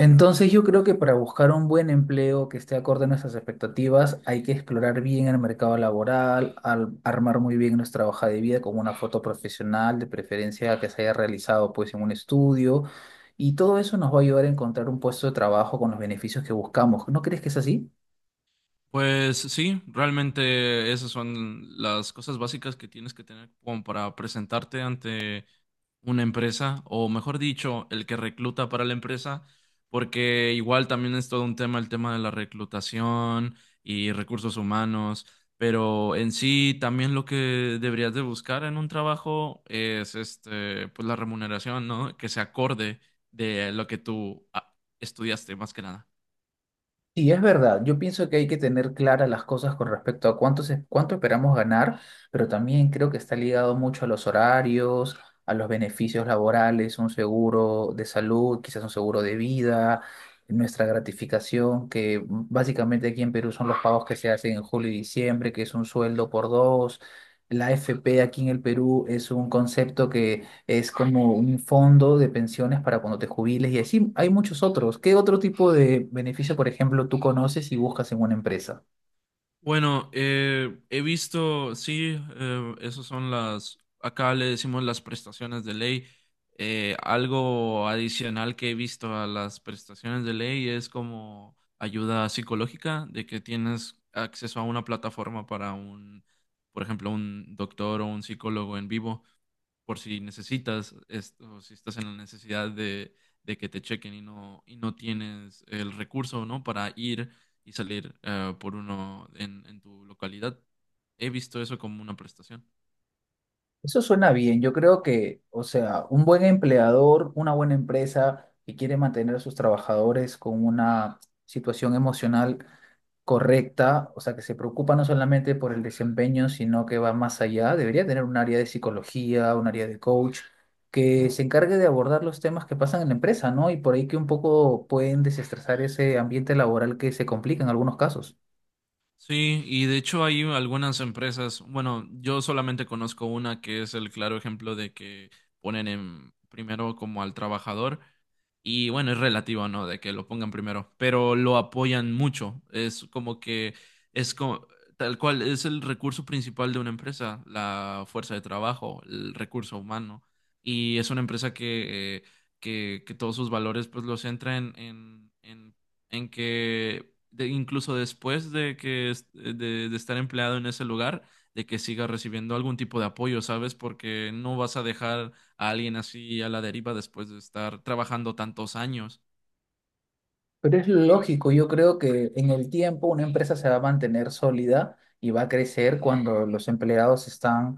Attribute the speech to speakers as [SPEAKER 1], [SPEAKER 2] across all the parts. [SPEAKER 1] Entonces yo creo que para buscar un buen empleo que esté acorde a nuestras expectativas hay que explorar bien el mercado laboral, armar muy bien nuestra hoja de vida con una foto profesional, de preferencia que se haya realizado pues en un estudio y todo eso nos va a ayudar a encontrar un puesto de trabajo con los beneficios que buscamos. ¿No crees que es así?
[SPEAKER 2] Pues sí, realmente esas son las cosas básicas que tienes que tener como para presentarte ante una empresa, o mejor dicho, el que recluta para la empresa, porque igual también es todo un tema el tema de la reclutación y recursos humanos, pero en sí también lo que deberías de buscar en un trabajo es este, pues la remuneración, ¿no? Que se acorde de lo que tú estudiaste más que nada.
[SPEAKER 1] Sí, es verdad. Yo pienso que hay que tener claras las cosas con respecto a cuánto esperamos ganar, pero también creo que está ligado mucho a los horarios, a los beneficios laborales, un seguro de salud, quizás un seguro de vida, nuestra gratificación, que básicamente aquí en Perú son los pagos que se hacen en julio y diciembre, que es un sueldo por dos. La AFP aquí en el Perú es un concepto que es como un fondo de pensiones para cuando te jubiles y así hay muchos otros. ¿Qué otro tipo de beneficio, por ejemplo, tú conoces y buscas en una empresa?
[SPEAKER 2] Bueno, he visto, sí, esas son las, acá le decimos las prestaciones de ley. Algo adicional que he visto a las prestaciones de ley es como ayuda psicológica, de que tienes acceso a una plataforma para un, por ejemplo, un doctor o un psicólogo en vivo por si necesitas esto, si estás en la necesidad de que te chequen y y no tienes el recurso, ¿no? Para ir y salir por uno en tu localidad. He visto eso como una prestación.
[SPEAKER 1] Eso suena bien. Yo creo que, o sea, un buen empleador, una buena empresa que quiere mantener a sus trabajadores con una situación emocional correcta, o sea, que se preocupa no solamente por el desempeño, sino que va más allá. Debería tener un área de psicología, un área de coach, que se encargue de abordar los temas que pasan en la empresa, ¿no? Y por ahí que un poco pueden desestresar ese ambiente laboral que se complica en algunos casos.
[SPEAKER 2] Sí, y de hecho hay algunas empresas, bueno, yo solamente conozco una que es el claro ejemplo de que ponen en primero como al trabajador. Y bueno, es relativo, ¿no? De que lo pongan primero, pero lo apoyan mucho. Es como que es como, tal cual, es el recurso principal de una empresa, la fuerza de trabajo, el recurso humano. Y es una empresa que todos sus valores pues los centra en que incluso después de que de estar empleado en ese lugar, de que siga recibiendo algún tipo de apoyo, ¿sabes? Porque no vas a dejar a alguien así a la deriva después de estar trabajando tantos años,
[SPEAKER 1] Pero es lógico, yo creo que en el tiempo una empresa se va a mantener sólida y va a crecer cuando los empleados están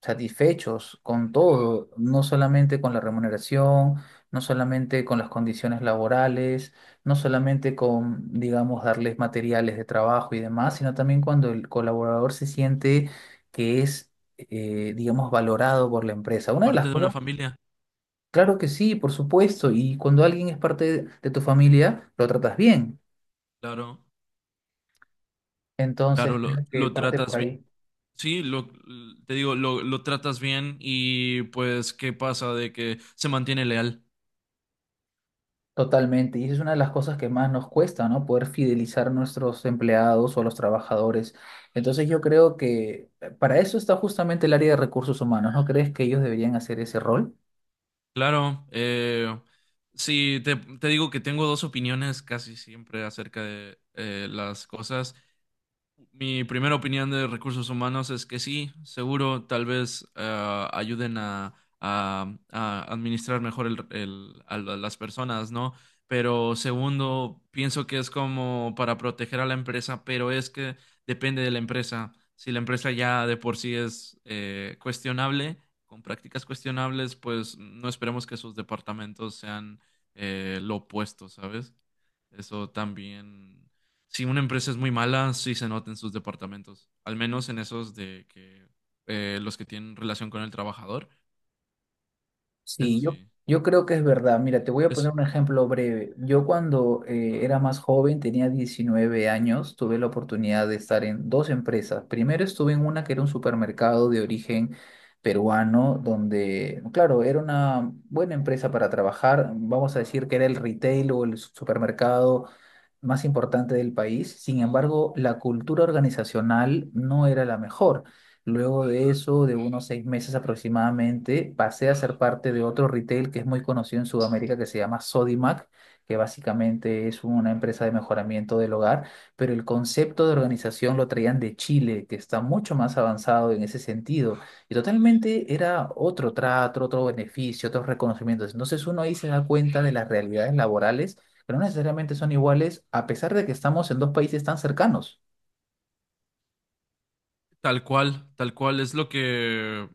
[SPEAKER 1] satisfechos con todo, no solamente con la remuneración, no solamente con las condiciones laborales, no solamente con, digamos, darles materiales de trabajo y demás, sino también cuando el colaborador se siente que es, digamos, valorado por la empresa. Una de
[SPEAKER 2] parte
[SPEAKER 1] las
[SPEAKER 2] de una
[SPEAKER 1] cosas,
[SPEAKER 2] familia.
[SPEAKER 1] claro que sí, por supuesto, y cuando alguien es parte de tu familia, lo tratas bien.
[SPEAKER 2] Claro,
[SPEAKER 1] Entonces,
[SPEAKER 2] claro,
[SPEAKER 1] creo que
[SPEAKER 2] lo
[SPEAKER 1] parte
[SPEAKER 2] tratas
[SPEAKER 1] por
[SPEAKER 2] bien.
[SPEAKER 1] ahí.
[SPEAKER 2] Sí, lo, Te digo, lo tratas bien y pues, ¿qué pasa de que se mantiene leal?
[SPEAKER 1] Totalmente, y esa es una de las cosas que más nos cuesta, ¿no? Poder fidelizar a nuestros empleados o a los trabajadores. Entonces yo creo que para eso está justamente el área de recursos humanos, ¿no crees que ellos deberían hacer ese rol?
[SPEAKER 2] Claro, sí, te digo que tengo dos opiniones casi siempre acerca de las cosas. Mi primera opinión de recursos humanos es que sí, seguro, tal vez ayuden a administrar mejor las personas, ¿no? Pero segundo, pienso que es como para proteger a la empresa, pero es que depende de la empresa. Si la empresa ya de por sí es cuestionable, con prácticas cuestionables, pues no esperemos que sus departamentos sean lo opuesto, ¿sabes? Eso también. Si una empresa es muy mala, sí se nota en sus departamentos. Al menos en esos de que los que tienen relación con el trabajador. Eso
[SPEAKER 1] Sí, yo,
[SPEAKER 2] sí.
[SPEAKER 1] yo creo que es verdad. Mira, te voy a poner
[SPEAKER 2] Es
[SPEAKER 1] un ejemplo breve. Yo cuando era más joven, tenía 19 años, tuve la oportunidad de estar en dos empresas. Primero estuve en una que era un supermercado de origen peruano, donde, claro, era una buena empresa para trabajar. Vamos a decir que era el retail o el supermercado más importante del país. Sin embargo, la cultura organizacional no era la mejor. Luego de eso, de unos 6 meses aproximadamente, pasé a ser parte de otro retail que es muy conocido en Sudamérica que se llama Sodimac, que básicamente es una empresa de mejoramiento del hogar, pero el concepto de organización lo traían de Chile, que está mucho más avanzado en ese sentido. Y totalmente era otro trato, otro beneficio, otros reconocimientos. Entonces uno ahí se da cuenta de las realidades laborales que no necesariamente son iguales, a pesar de que estamos en dos países tan cercanos.
[SPEAKER 2] tal cual, tal cual. Es lo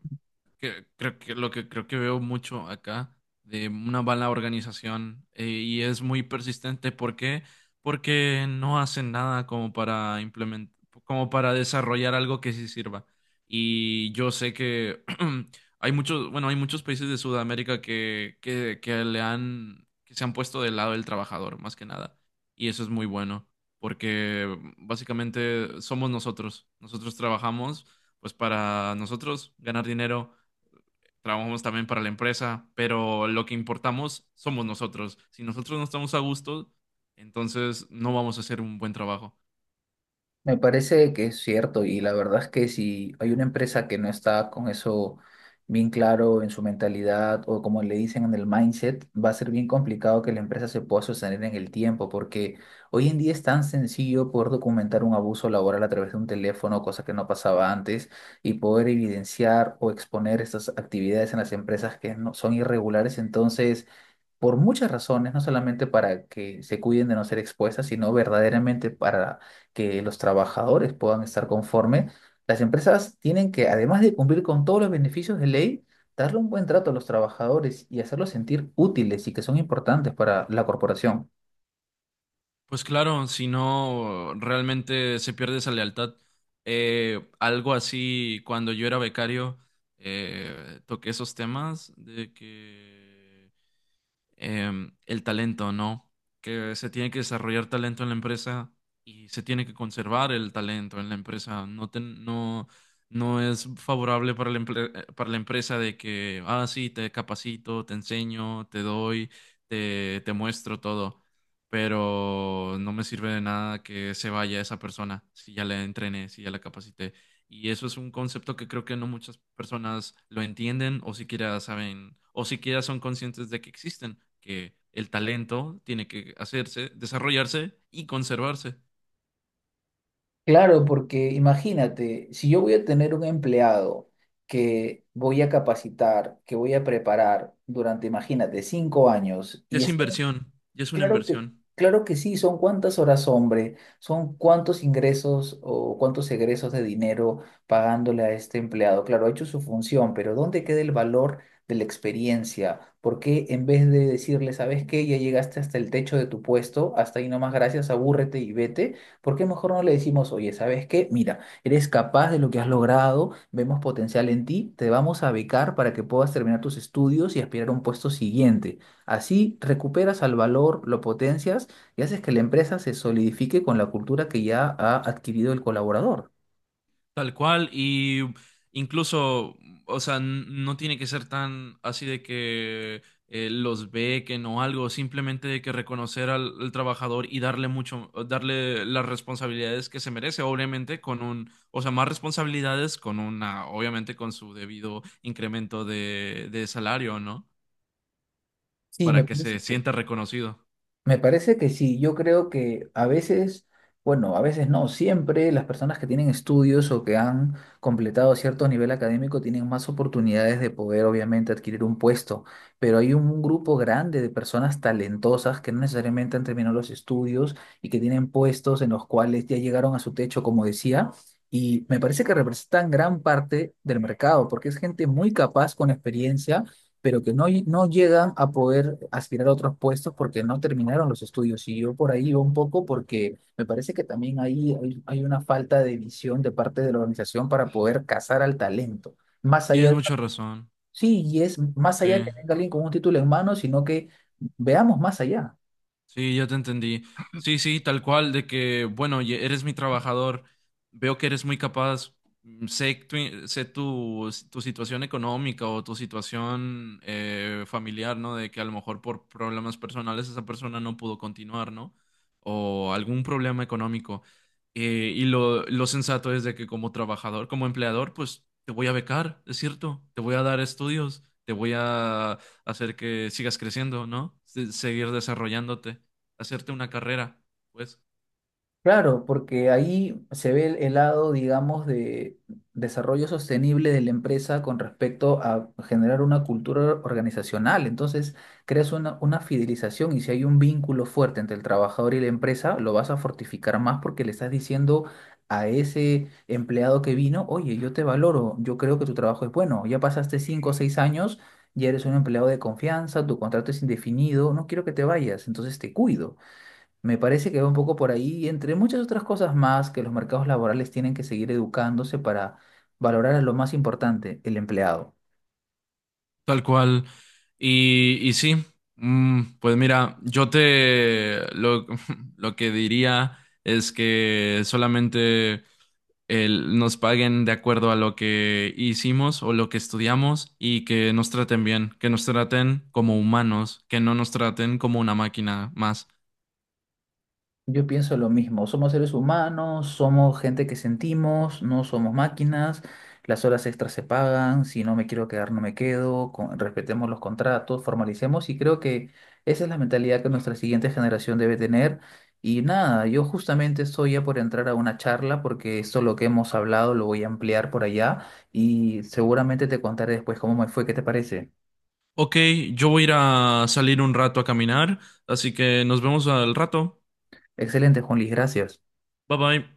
[SPEAKER 2] que creo que lo que creo que veo mucho acá de una mala organización y es muy persistente. ¿Por qué? Porque no hacen nada como para implementar, como para desarrollar algo que sí sirva. Y yo sé que hay muchos, bueno, hay muchos países de Sudamérica que le han, que se han puesto del lado del trabajador, más que nada. Y eso es muy bueno, porque básicamente somos nosotros. Nosotros trabajamos pues para nosotros ganar dinero, trabajamos también para la empresa, pero lo que importamos somos nosotros. Si nosotros no estamos a gusto, entonces no vamos a hacer un buen trabajo.
[SPEAKER 1] Me parece que es cierto y la verdad es que si hay una empresa que no está con eso bien claro en su mentalidad o como le dicen en el mindset, va a ser bien complicado que la empresa se pueda sostener en el tiempo porque hoy en día es tan sencillo poder documentar un abuso laboral a través de un teléfono, cosa que no pasaba antes, y poder evidenciar o exponer estas actividades en las empresas que no son irregulares. Entonces por muchas razones, no solamente para que se cuiden de no ser expuestas, sino verdaderamente para que los trabajadores puedan estar conforme, las empresas tienen que, además de cumplir con todos los beneficios de ley, darle un buen trato a los trabajadores y hacerlos sentir útiles y que son importantes para la corporación.
[SPEAKER 2] Pues claro, si no, realmente se pierde esa lealtad. Algo así, cuando yo era becario, toqué esos temas de que el talento, ¿no? Que se tiene que desarrollar talento en la empresa y se tiene que conservar el talento en la empresa. No es favorable para para la empresa de que, ah, sí, te capacito, te enseño, te doy, te muestro todo, pero no me sirve de nada que se vaya esa persona si ya la entrené, si ya la capacité. Y eso es un concepto que creo que no muchas personas lo entienden o siquiera saben o siquiera son conscientes de que existen, que el talento tiene que hacerse, desarrollarse y conservarse.
[SPEAKER 1] Claro, porque imagínate, si yo voy a tener un empleado que voy a capacitar, que voy a preparar durante, imagínate, 5 años
[SPEAKER 2] Ya
[SPEAKER 1] y
[SPEAKER 2] es inversión, ya es una
[SPEAKER 1] claro que,
[SPEAKER 2] inversión.
[SPEAKER 1] claro que sí, son cuántas horas hombre, son cuántos ingresos o cuántos egresos de dinero pagándole a este empleado. Claro, ha hecho su función, pero ¿dónde queda el valor de la experiencia? ¿Por qué en vez de decirle, ¿sabes qué? Ya llegaste hasta el techo de tu puesto, hasta ahí nomás, gracias, abúrrete y vete, ¿por qué mejor no le decimos, oye, ¿sabes qué? Mira, eres capaz de lo que has logrado, vemos potencial en ti, te vamos a becar para que puedas terminar tus estudios y aspirar a un puesto siguiente. Así recuperas al valor, lo potencias y haces que la empresa se solidifique con la cultura que ya ha adquirido el colaborador.
[SPEAKER 2] Tal cual, y incluso, o sea, no tiene que ser tan así de que los bequen o algo, simplemente de que reconocer al trabajador y darle mucho, darle las responsabilidades que se merece, obviamente con un, o sea, más responsabilidades con una, obviamente con su debido incremento de salario, ¿no?
[SPEAKER 1] Sí, me
[SPEAKER 2] Para que
[SPEAKER 1] parece.
[SPEAKER 2] se
[SPEAKER 1] Que
[SPEAKER 2] sienta reconocido.
[SPEAKER 1] me parece que sí, yo creo que a veces, bueno, a veces no, siempre las personas que tienen estudios o que han completado cierto nivel académico tienen más oportunidades de poder obviamente adquirir un puesto, pero hay un grupo grande de personas talentosas que no necesariamente han terminado los estudios y que tienen puestos en los cuales ya llegaron a su techo, como decía, y me parece que representan gran parte del mercado, porque es gente muy capaz con experiencia pero que no llegan a poder aspirar a otros puestos porque no terminaron los estudios. Y yo por ahí iba un poco porque me parece que también ahí hay, hay una falta de visión de parte de la organización para poder cazar al talento. Más
[SPEAKER 2] Tienes
[SPEAKER 1] allá,
[SPEAKER 2] mucha razón,
[SPEAKER 1] sí, y es más
[SPEAKER 2] sí.
[SPEAKER 1] allá que venga alguien con un título en mano, sino que veamos más allá.
[SPEAKER 2] Sí, ya te entendí. Sí, sí, tal cual, de que, bueno, eres mi trabajador, veo que eres muy capaz, mm, sé tu situación económica o tu situación familiar, ¿no? De que a lo mejor por problemas personales esa persona no pudo continuar, ¿no? O algún problema económico. Lo sensato es de que como trabajador, como empleador, pues te voy a becar, es cierto, te voy a dar estudios, te voy a hacer que sigas creciendo, ¿no? Seguir desarrollándote, hacerte una carrera, pues,
[SPEAKER 1] Claro, porque ahí se ve el lado, digamos, de desarrollo sostenible de la empresa con respecto a generar una cultura organizacional. Entonces, creas una fidelización y si hay un vínculo fuerte entre el trabajador y la empresa, lo vas a fortificar más porque le estás diciendo a ese empleado que vino, oye, yo te valoro, yo creo que tu trabajo es bueno, ya pasaste 5 o 6 años, ya eres un empleado de confianza, tu contrato es indefinido, no quiero que te vayas, entonces te cuido. Me parece que va un poco por ahí, y entre muchas otras cosas más, que los mercados laborales tienen que seguir educándose para valorar a lo más importante, el empleado.
[SPEAKER 2] tal cual. Y sí, mm, pues mira, lo que diría es que solamente nos paguen de acuerdo a lo que hicimos o lo que estudiamos y que nos traten bien, que nos traten como humanos, que no nos traten como una máquina más.
[SPEAKER 1] Yo pienso lo mismo, somos seres humanos, somos gente que sentimos, no somos máquinas, las horas extras se pagan, si no me quiero quedar no me quedo, respetemos los contratos, formalicemos y creo que esa es la mentalidad que nuestra siguiente generación debe tener. Y nada, yo justamente estoy ya por entrar a una charla porque esto lo que hemos hablado lo voy a ampliar por allá y seguramente te contaré después cómo me fue, ¿qué te parece?
[SPEAKER 2] Ok, yo voy a ir a salir un rato a caminar, así que nos vemos al rato.
[SPEAKER 1] Excelente, Juan Luis, gracias.
[SPEAKER 2] Bye bye.